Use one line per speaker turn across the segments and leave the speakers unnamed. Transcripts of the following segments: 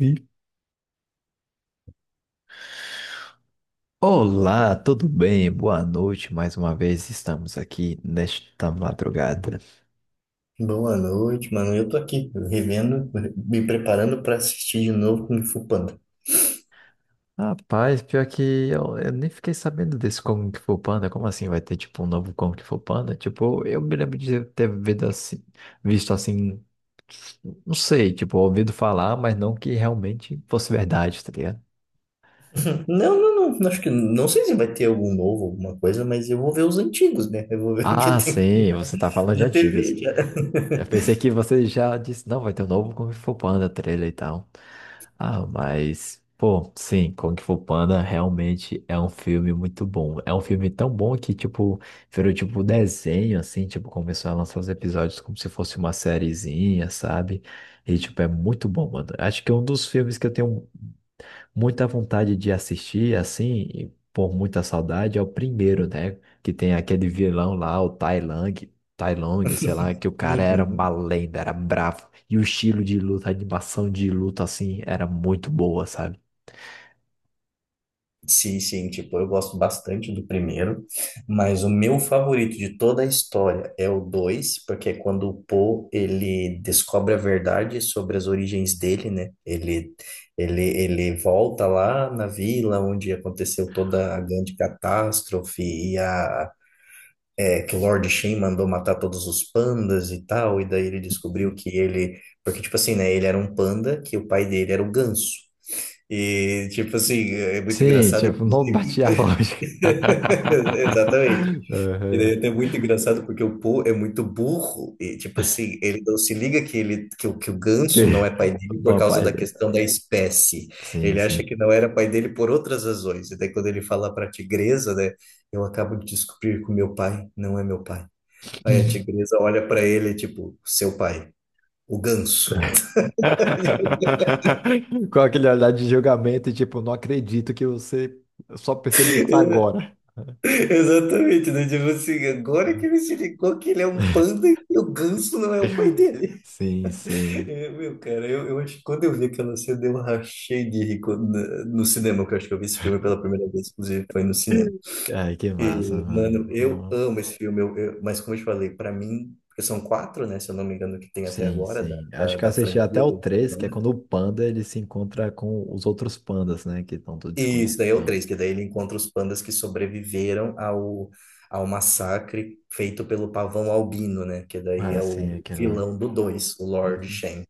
E- Olá, tudo bem? Boa noite. Mais uma vez estamos aqui nesta madrugada.
Boa noite, mano. Eu tô aqui revendo, me preparando pra assistir de novo Kung Fu Panda.
Rapaz, pior que eu nem fiquei sabendo desse Kung Fu Panda. Como assim vai ter tipo um novo Kung Fu Panda? Tipo, eu me lembro de ter visto assim, não sei, tipo, ouvido falar, mas não que realmente fosse verdade, tá ligado?
Não, não, não. Acho que não sei se vai ter algum novo, alguma coisa, mas eu vou ver os antigos, né? Eu vou ver o que
Ah,
tem aqui
sim,
já
você tá falando de
na
antigas.
TV já.
Eu pensei que você já disse, não, vai ter um novo Kung Fu Panda trailer e tal. Ah, mas, pô, sim, Kung Fu Panda realmente é um filme muito bom. É um filme tão bom que, tipo, virou tipo desenho, assim, tipo, começou a lançar os episódios como se fosse uma sériezinha, sabe? E, tipo, é muito bom, mano. Acho que é um dos filmes que eu tenho muita vontade de assistir, assim, e por muita saudade, é o primeiro, né? Que tem aquele vilão lá, o Tai Lang, Tai Lung, sei lá, que o cara era uma
Uhum.
lenda, era bravo. E o estilo de luta, a animação de luta, assim, era muito boa, sabe?
Sim, sim, tipo, eu gosto bastante do primeiro, mas o meu favorito de toda a história é o dois porque é quando o Poe, ele descobre a verdade sobre as origens dele, né? Ele volta lá na vila onde aconteceu toda a grande catástrofe e que o Lord Shen mandou matar todos os pandas e tal, e daí ele descobriu que ele... Porque, tipo assim, né? Ele era um panda que o pai dele era o ganso. E, tipo assim, é muito
Sim,
engraçado.
tipo, não batia a lógica.
Exatamente. E
Uhum.
daí é muito engraçado porque o Po é muito burro e tipo assim, ele não se liga que o que o ganso não
Que-
é pai dele por
Não,
causa
pai.
da questão da espécie.
Sim,
Ele acha
sim.
que não era pai dele por outras razões. E daí quando ele fala para a tigresa, né, eu acabo de descobrir que o meu pai não é meu pai. Aí a tigresa olha para ele tipo, seu pai, o ganso.
Com aquele olhar de julgamento, tipo, não acredito que você só percebeu isso agora.
Exatamente, né? Tipo assim, agora que ele se ligou que ele é um panda e o ganso não é o pai dele.
Sim, sim.
Eu, meu, cara, eu acho que quando eu vi aquela cena, eu rachei de rir né, no cinema, que eu acho que eu vi esse filme pela primeira vez, inclusive foi no cinema.
Ai, que massa,
E,
mano.
mano,
Muito
eu
bom.
amo esse filme, eu, mas como eu te falei, pra mim, porque são quatro, né, se eu não me engano, que tem até
Sim,
agora, da,
sim. Acho
da,
que eu
da
assisti até
franquia
o
do
3 que é
Panda.
quando o panda ele se encontra com os outros pandas, né? Que estão todos
E isso
escondidos.
daí é o
Então,
três, que daí ele encontra os pandas que sobreviveram ao massacre feito pelo pavão albino, né, que daí
ah,
é
sim,
o
aquela.
vilão do dois, o Lord
Uhum,
Shen.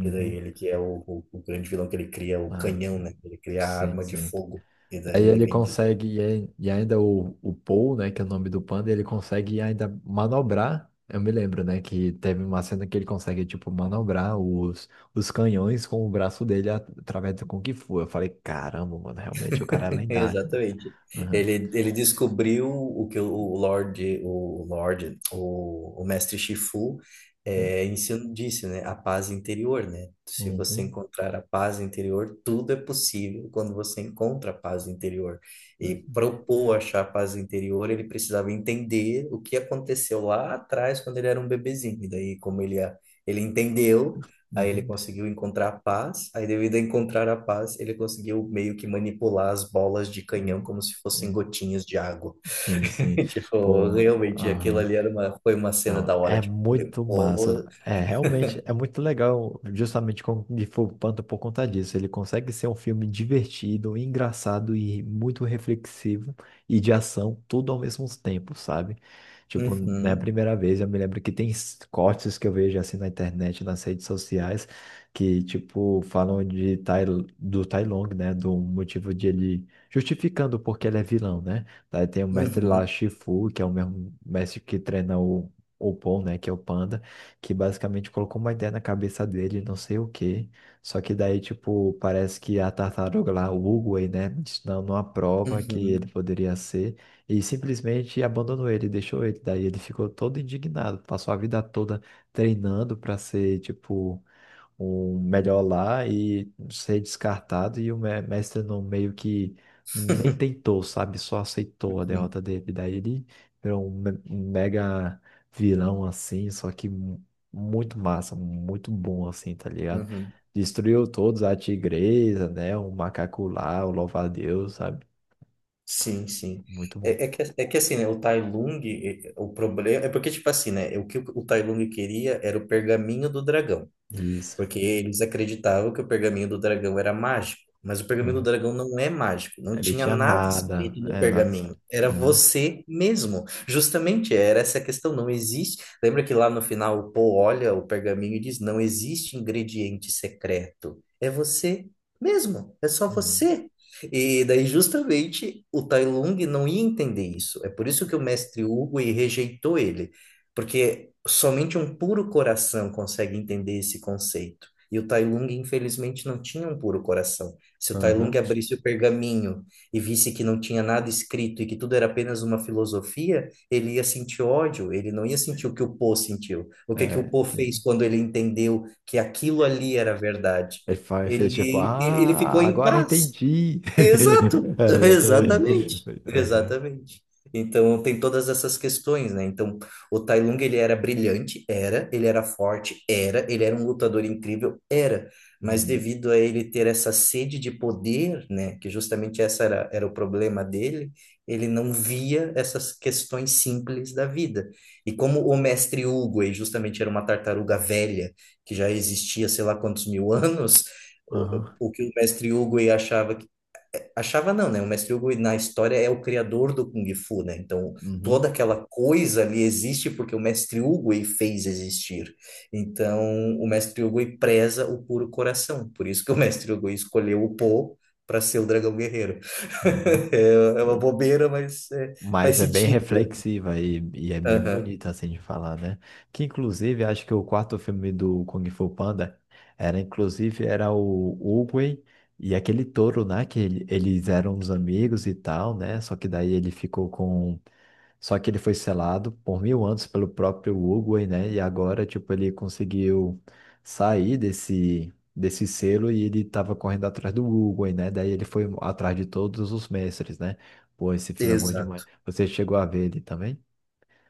Que daí ele que é o grande vilão que ele cria, o
Ah,
canhão,
que...
né? Ele cria a
Sim,
arma de
sim.
fogo. E
Aí
daí ele
ele
vem de
consegue, e ainda o Paul, né, que é o nome do panda, ele consegue ainda manobrar. Eu me lembro, né, que teve uma cena que ele consegue, tipo, manobrar os canhões com o braço dele através do Kung Fu. Eu falei, caramba, mano, realmente o cara é lendário, né?
Exatamente.
Aham.
Ele descobriu o que o o Mestre Shifu
Uhum.
ensinou, disse, né? A paz interior, né? Se você
Uhum.
encontrar a paz interior, tudo é possível quando você encontra a paz interior. E propor achar a paz interior, ele precisava entender o que aconteceu lá atrás, quando ele era um bebezinho. E daí, ele entendeu. Aí ele
Uhum.
conseguiu encontrar a paz, aí devido a encontrar a paz, ele conseguiu meio que manipular as bolas de canhão
Uhum.
como se fossem gotinhas de água.
Sim, sim.
Tipo,
Pô,
realmente aquilo
aham.
ali era uma, foi uma cena
Não,
da hora,
é
tipo, eu falei,
muito massa.
pô,
É, realmente é muito legal, justamente com de Fu Panda por conta disso. Ele consegue ser um filme divertido, engraçado e muito reflexivo e de ação, tudo ao mesmo tempo, sabe? Tipo, na
uhum,
primeira vez eu me lembro que tem cortes que eu vejo assim na internet, nas redes sociais, que tipo falam do Tai Long, né, do motivo de ele justificando porque ele é vilão, né? Daí tem o mestre lá,
uhum,
Shifu, que é o mesmo mestre que treina o Paul, né, que é o Panda, que basicamente colocou uma ideia na cabeça dele, não sei o quê. Só que daí, tipo, parece que a tartaruga lá, o Oogway, né, dando uma prova que
uhum.
ele poderia ser, e simplesmente abandonou ele, deixou ele. Daí ele ficou todo indignado, passou a vida toda treinando para ser, tipo, um melhor lá e ser descartado e o mestre não meio que nem tentou, sabe? Só aceitou a
Uhum,
derrota dele. Daí ele virou um um mega vilão assim, só que muito massa, muito bom assim, tá ligado?
uhum.
Destruiu todos, a tigresa, né? O macaco lá, o louva-a-Deus, sabe?
Sim, sim.
Muito bom.
É que assim, né, o Tai Lung, o problema... É porque, tipo assim, né, o que o Tai Lung queria era o pergaminho do dragão.
Isso.
Porque eles acreditavam que o pergaminho do dragão era mágico, mas o pergaminho do
Uhum.
dragão não é mágico, não
Ele
tinha
tinha
nada
nada,
escrito no
é, nada
pergaminho,
escrito.
era
Aham,
você mesmo. Justamente era essa a questão, não existe. Lembra que lá no final o Poe olha o pergaminho e diz: não existe ingrediente secreto, é você mesmo, é só
aham,
você. E daí, justamente, o Tai Lung não ia entender isso. É por isso que o mestre Hugo rejeitou ele porque somente um puro coração consegue entender esse conceito. E o Tai Lung, infelizmente, não tinha um puro coração. Se o Tai Lung
aham.
abrisse o pergaminho e visse que não tinha nada escrito e que tudo era apenas uma filosofia, ele ia sentir ódio, ele não ia sentir o que o Po sentiu. O que que o
É,
Po
que-
fez quando ele entendeu que aquilo ali era verdade?
Ele fez tipo,
Ele ficou
ah,
em
agora
paz.
entendi.
Exato,
É, exatamente.
exatamente,
Aham,
exatamente. Então tem todas essas questões, né? Então o Tai Lung ele era brilhante, era, ele era forte, era, ele era um lutador incrível, era, mas
uhum,
devido a ele ter essa sede de poder, né? Que justamente essa era o problema dele, ele não via essas questões simples da vida. E como o mestre Hugo, ele justamente era uma tartaruga velha que já existia sei lá quantos mil anos.
aham,
O que o mestre Hugo aí achava. Achava não, né? O Mestre Hugo na história é o criador do Kung Fu, né? Então,
uhum,
toda aquela coisa ali existe porque o Mestre Hugo ele fez existir. Então, o Mestre Hugo ele preza o puro coração. Por isso que o Mestre Hugo escolheu o Po para ser o dragão guerreiro.
uhum.
É uma
E-
bobeira, mas é, faz
Mas é bem
sentido, né?
reflexiva e é bem
Aham,
bonita assim de falar, né? Que inclusive acho que o quarto filme do Kung Fu Panda era inclusive era o Oogway e aquele touro, né? Que ele- eles eram uns amigos e tal, né? Só que daí ele ficou com. Só que ele foi selado por 1.000 anos pelo próprio Uruguai, né? E agora, tipo, ele conseguiu sair desse selo e ele tava correndo atrás do Uruguai, né? Daí ele foi atrás de todos os mestres, né? Pô, esse filme é bom demais.
Exato.
Você chegou a ver ele também?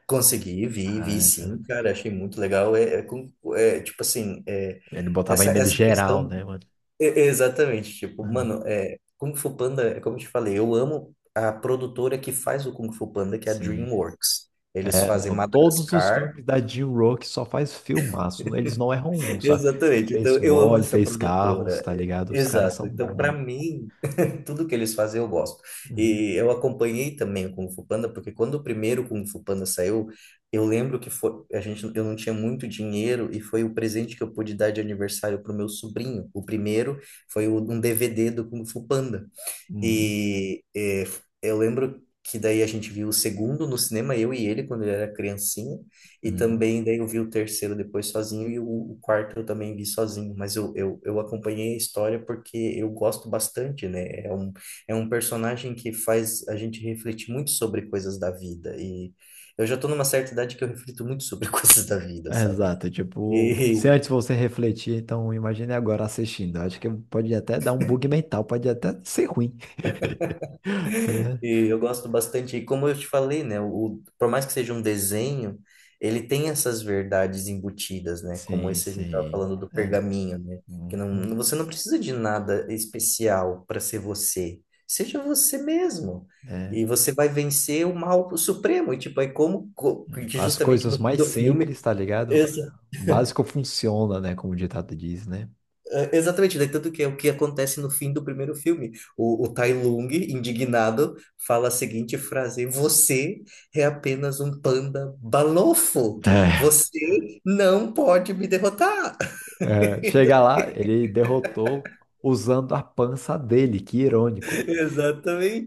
Consegui, vi
Ah, esse...
sim, cara, achei muito legal. É, tipo assim, é,
ele botava em
essa,
medo
essa
geral,
questão.
né, mano?
E- Exatamente, tipo,
Aham.
mano, é, Kung Fu Panda, é como eu te falei, eu amo a produtora que faz o Kung Fu Panda, que é a
Sim.
DreamWorks. Eles
É,
fazem
não, todos os
Madagascar.
filmes da Jim Rock só faz filmaço, né? Eles não erram um, sabe?
Exatamente, então
Fez
eu amo
Wall,
essa
fez Carros,
produtora.
tá ligado? Os caras
Exato,
são
então
bons,
pra
mano.
mim, tudo que eles fazem eu gosto.
Uhum.
E eu acompanhei também o Kung Fu Panda, porque quando o primeiro Kung Fu Panda saiu, eu lembro que foi, a gente, eu não tinha muito dinheiro e foi o presente que eu pude dar de aniversário pro meu sobrinho. O primeiro foi um DVD do Kung Fu Panda.
Uhum.
E, eu lembro que daí a gente viu o segundo no cinema, eu e ele, quando ele era criancinha, e
Uhum.
também daí eu vi o terceiro depois sozinho, e o quarto eu também vi sozinho, mas eu acompanhei a história porque eu gosto bastante, né? É um personagem que faz a gente refletir muito sobre coisas da vida, e eu já tô numa certa idade que eu reflito muito sobre coisas da vida, sabe?
Exato, tipo, se
E,
antes você refletir, então imagine agora assistindo. Acho que pode até dar um bug mental, pode até ser ruim. Tá ligado?
E eu gosto bastante. E como eu te falei, né? O, por mais que seja um desenho, ele tem essas verdades embutidas, né? Como
Sim,
esse a gente estava
sim.
falando do
É,
pergaminho, né? Que não,
uhum,
você não precisa de nada especial para ser você. Seja você mesmo.
é,
E você vai vencer o mal supremo. E tipo,
é.
que
As
justamente
coisas
no fim
mais
do filme.
simples, tá ligado? O básico funciona, né? Como o ditado diz, né?
É, Exatamente, daí tanto que é o que acontece no fim do primeiro filme. O Tai Lung, indignado, fala a seguinte frase: Você é apenas um panda balofo.
É,
Você não pode me derrotar.
é, chega lá, ele derrotou usando a pança dele, que irônico.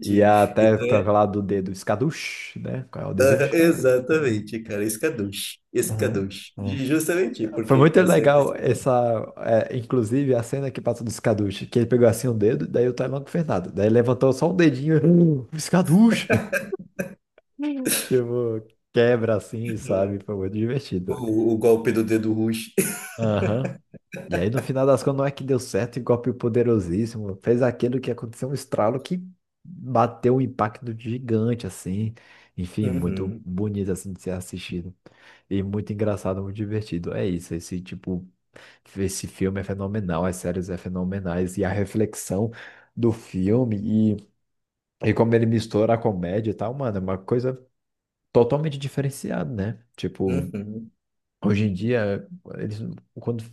E até
Então, é-
toca lá do dedo escaduche, né? Qual é o dedo?
exatamente, cara. Escaduche.
Aham,
Escaduche.
é.
Justamente,
Foi
porque
muito
essa é a
legal
questão.
essa, é, inclusive a cena que passa do Skadush, que ele pegou assim um dedo, daí o Taiwan com o, daí levantou só um dedinho, Skadush," tipo, quebra assim,
É.
sabe? Foi muito divertido.
O golpe do dedo roxo.
Aham. E aí, no final das contas, não é que deu certo, e o Poderosíssimo fez aquilo que aconteceu um estralo que bateu um impacto gigante, assim. Enfim, muito
Uhum,
bonito, assim, de ser assistido. E muito engraçado, muito divertido. É isso, esse tipo, esse filme é fenomenal, as séries é fenomenais. E a reflexão do filme e como ele mistura a comédia e tal, mano, é uma coisa totalmente diferenciada, né? Tipo,
uhum.
hoje em dia, eles quando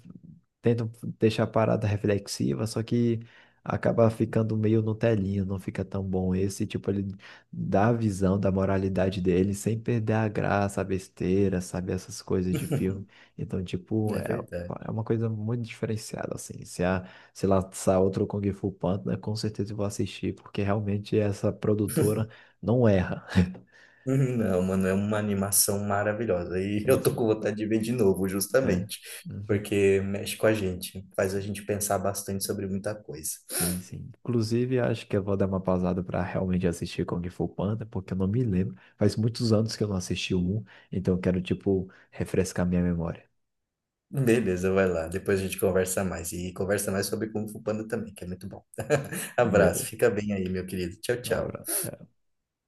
tentam deixar a parada reflexiva, só que acaba ficando meio no telinho, não fica tão bom. Esse tipo, ele dá a visão da moralidade dele sem perder a graça, a besteira, sabe? Essas coisas de filme. Então, tipo,
É
é,
verdade.
é uma coisa muito diferenciada, assim. Se lançar outro Kung Fu Panda, com certeza eu vou assistir, porque realmente essa produtora não erra.
Uhum, Não, mano, é uma animação maravilhosa. E
Sim,
eu tô com
sim.
vontade de ver de novo,
É.
justamente,
Uhum.
porque mexe com a gente, faz a gente pensar bastante sobre muita coisa.
Sim, sim. Inclusive, acho que eu vou dar uma pausada para realmente assistir Kung Fu Panda, porque eu não me lembro. Faz muitos anos que eu não assisti o um, então eu quero, tipo, refrescar minha memória.
Beleza, vai lá. Depois a gente conversa mais. E conversa mais sobre Kung Fu Panda também, que é muito bom. Abraço,
Beleza.
fica bem aí, meu querido. Tchau,
Um
tchau.
abraço. Tchau.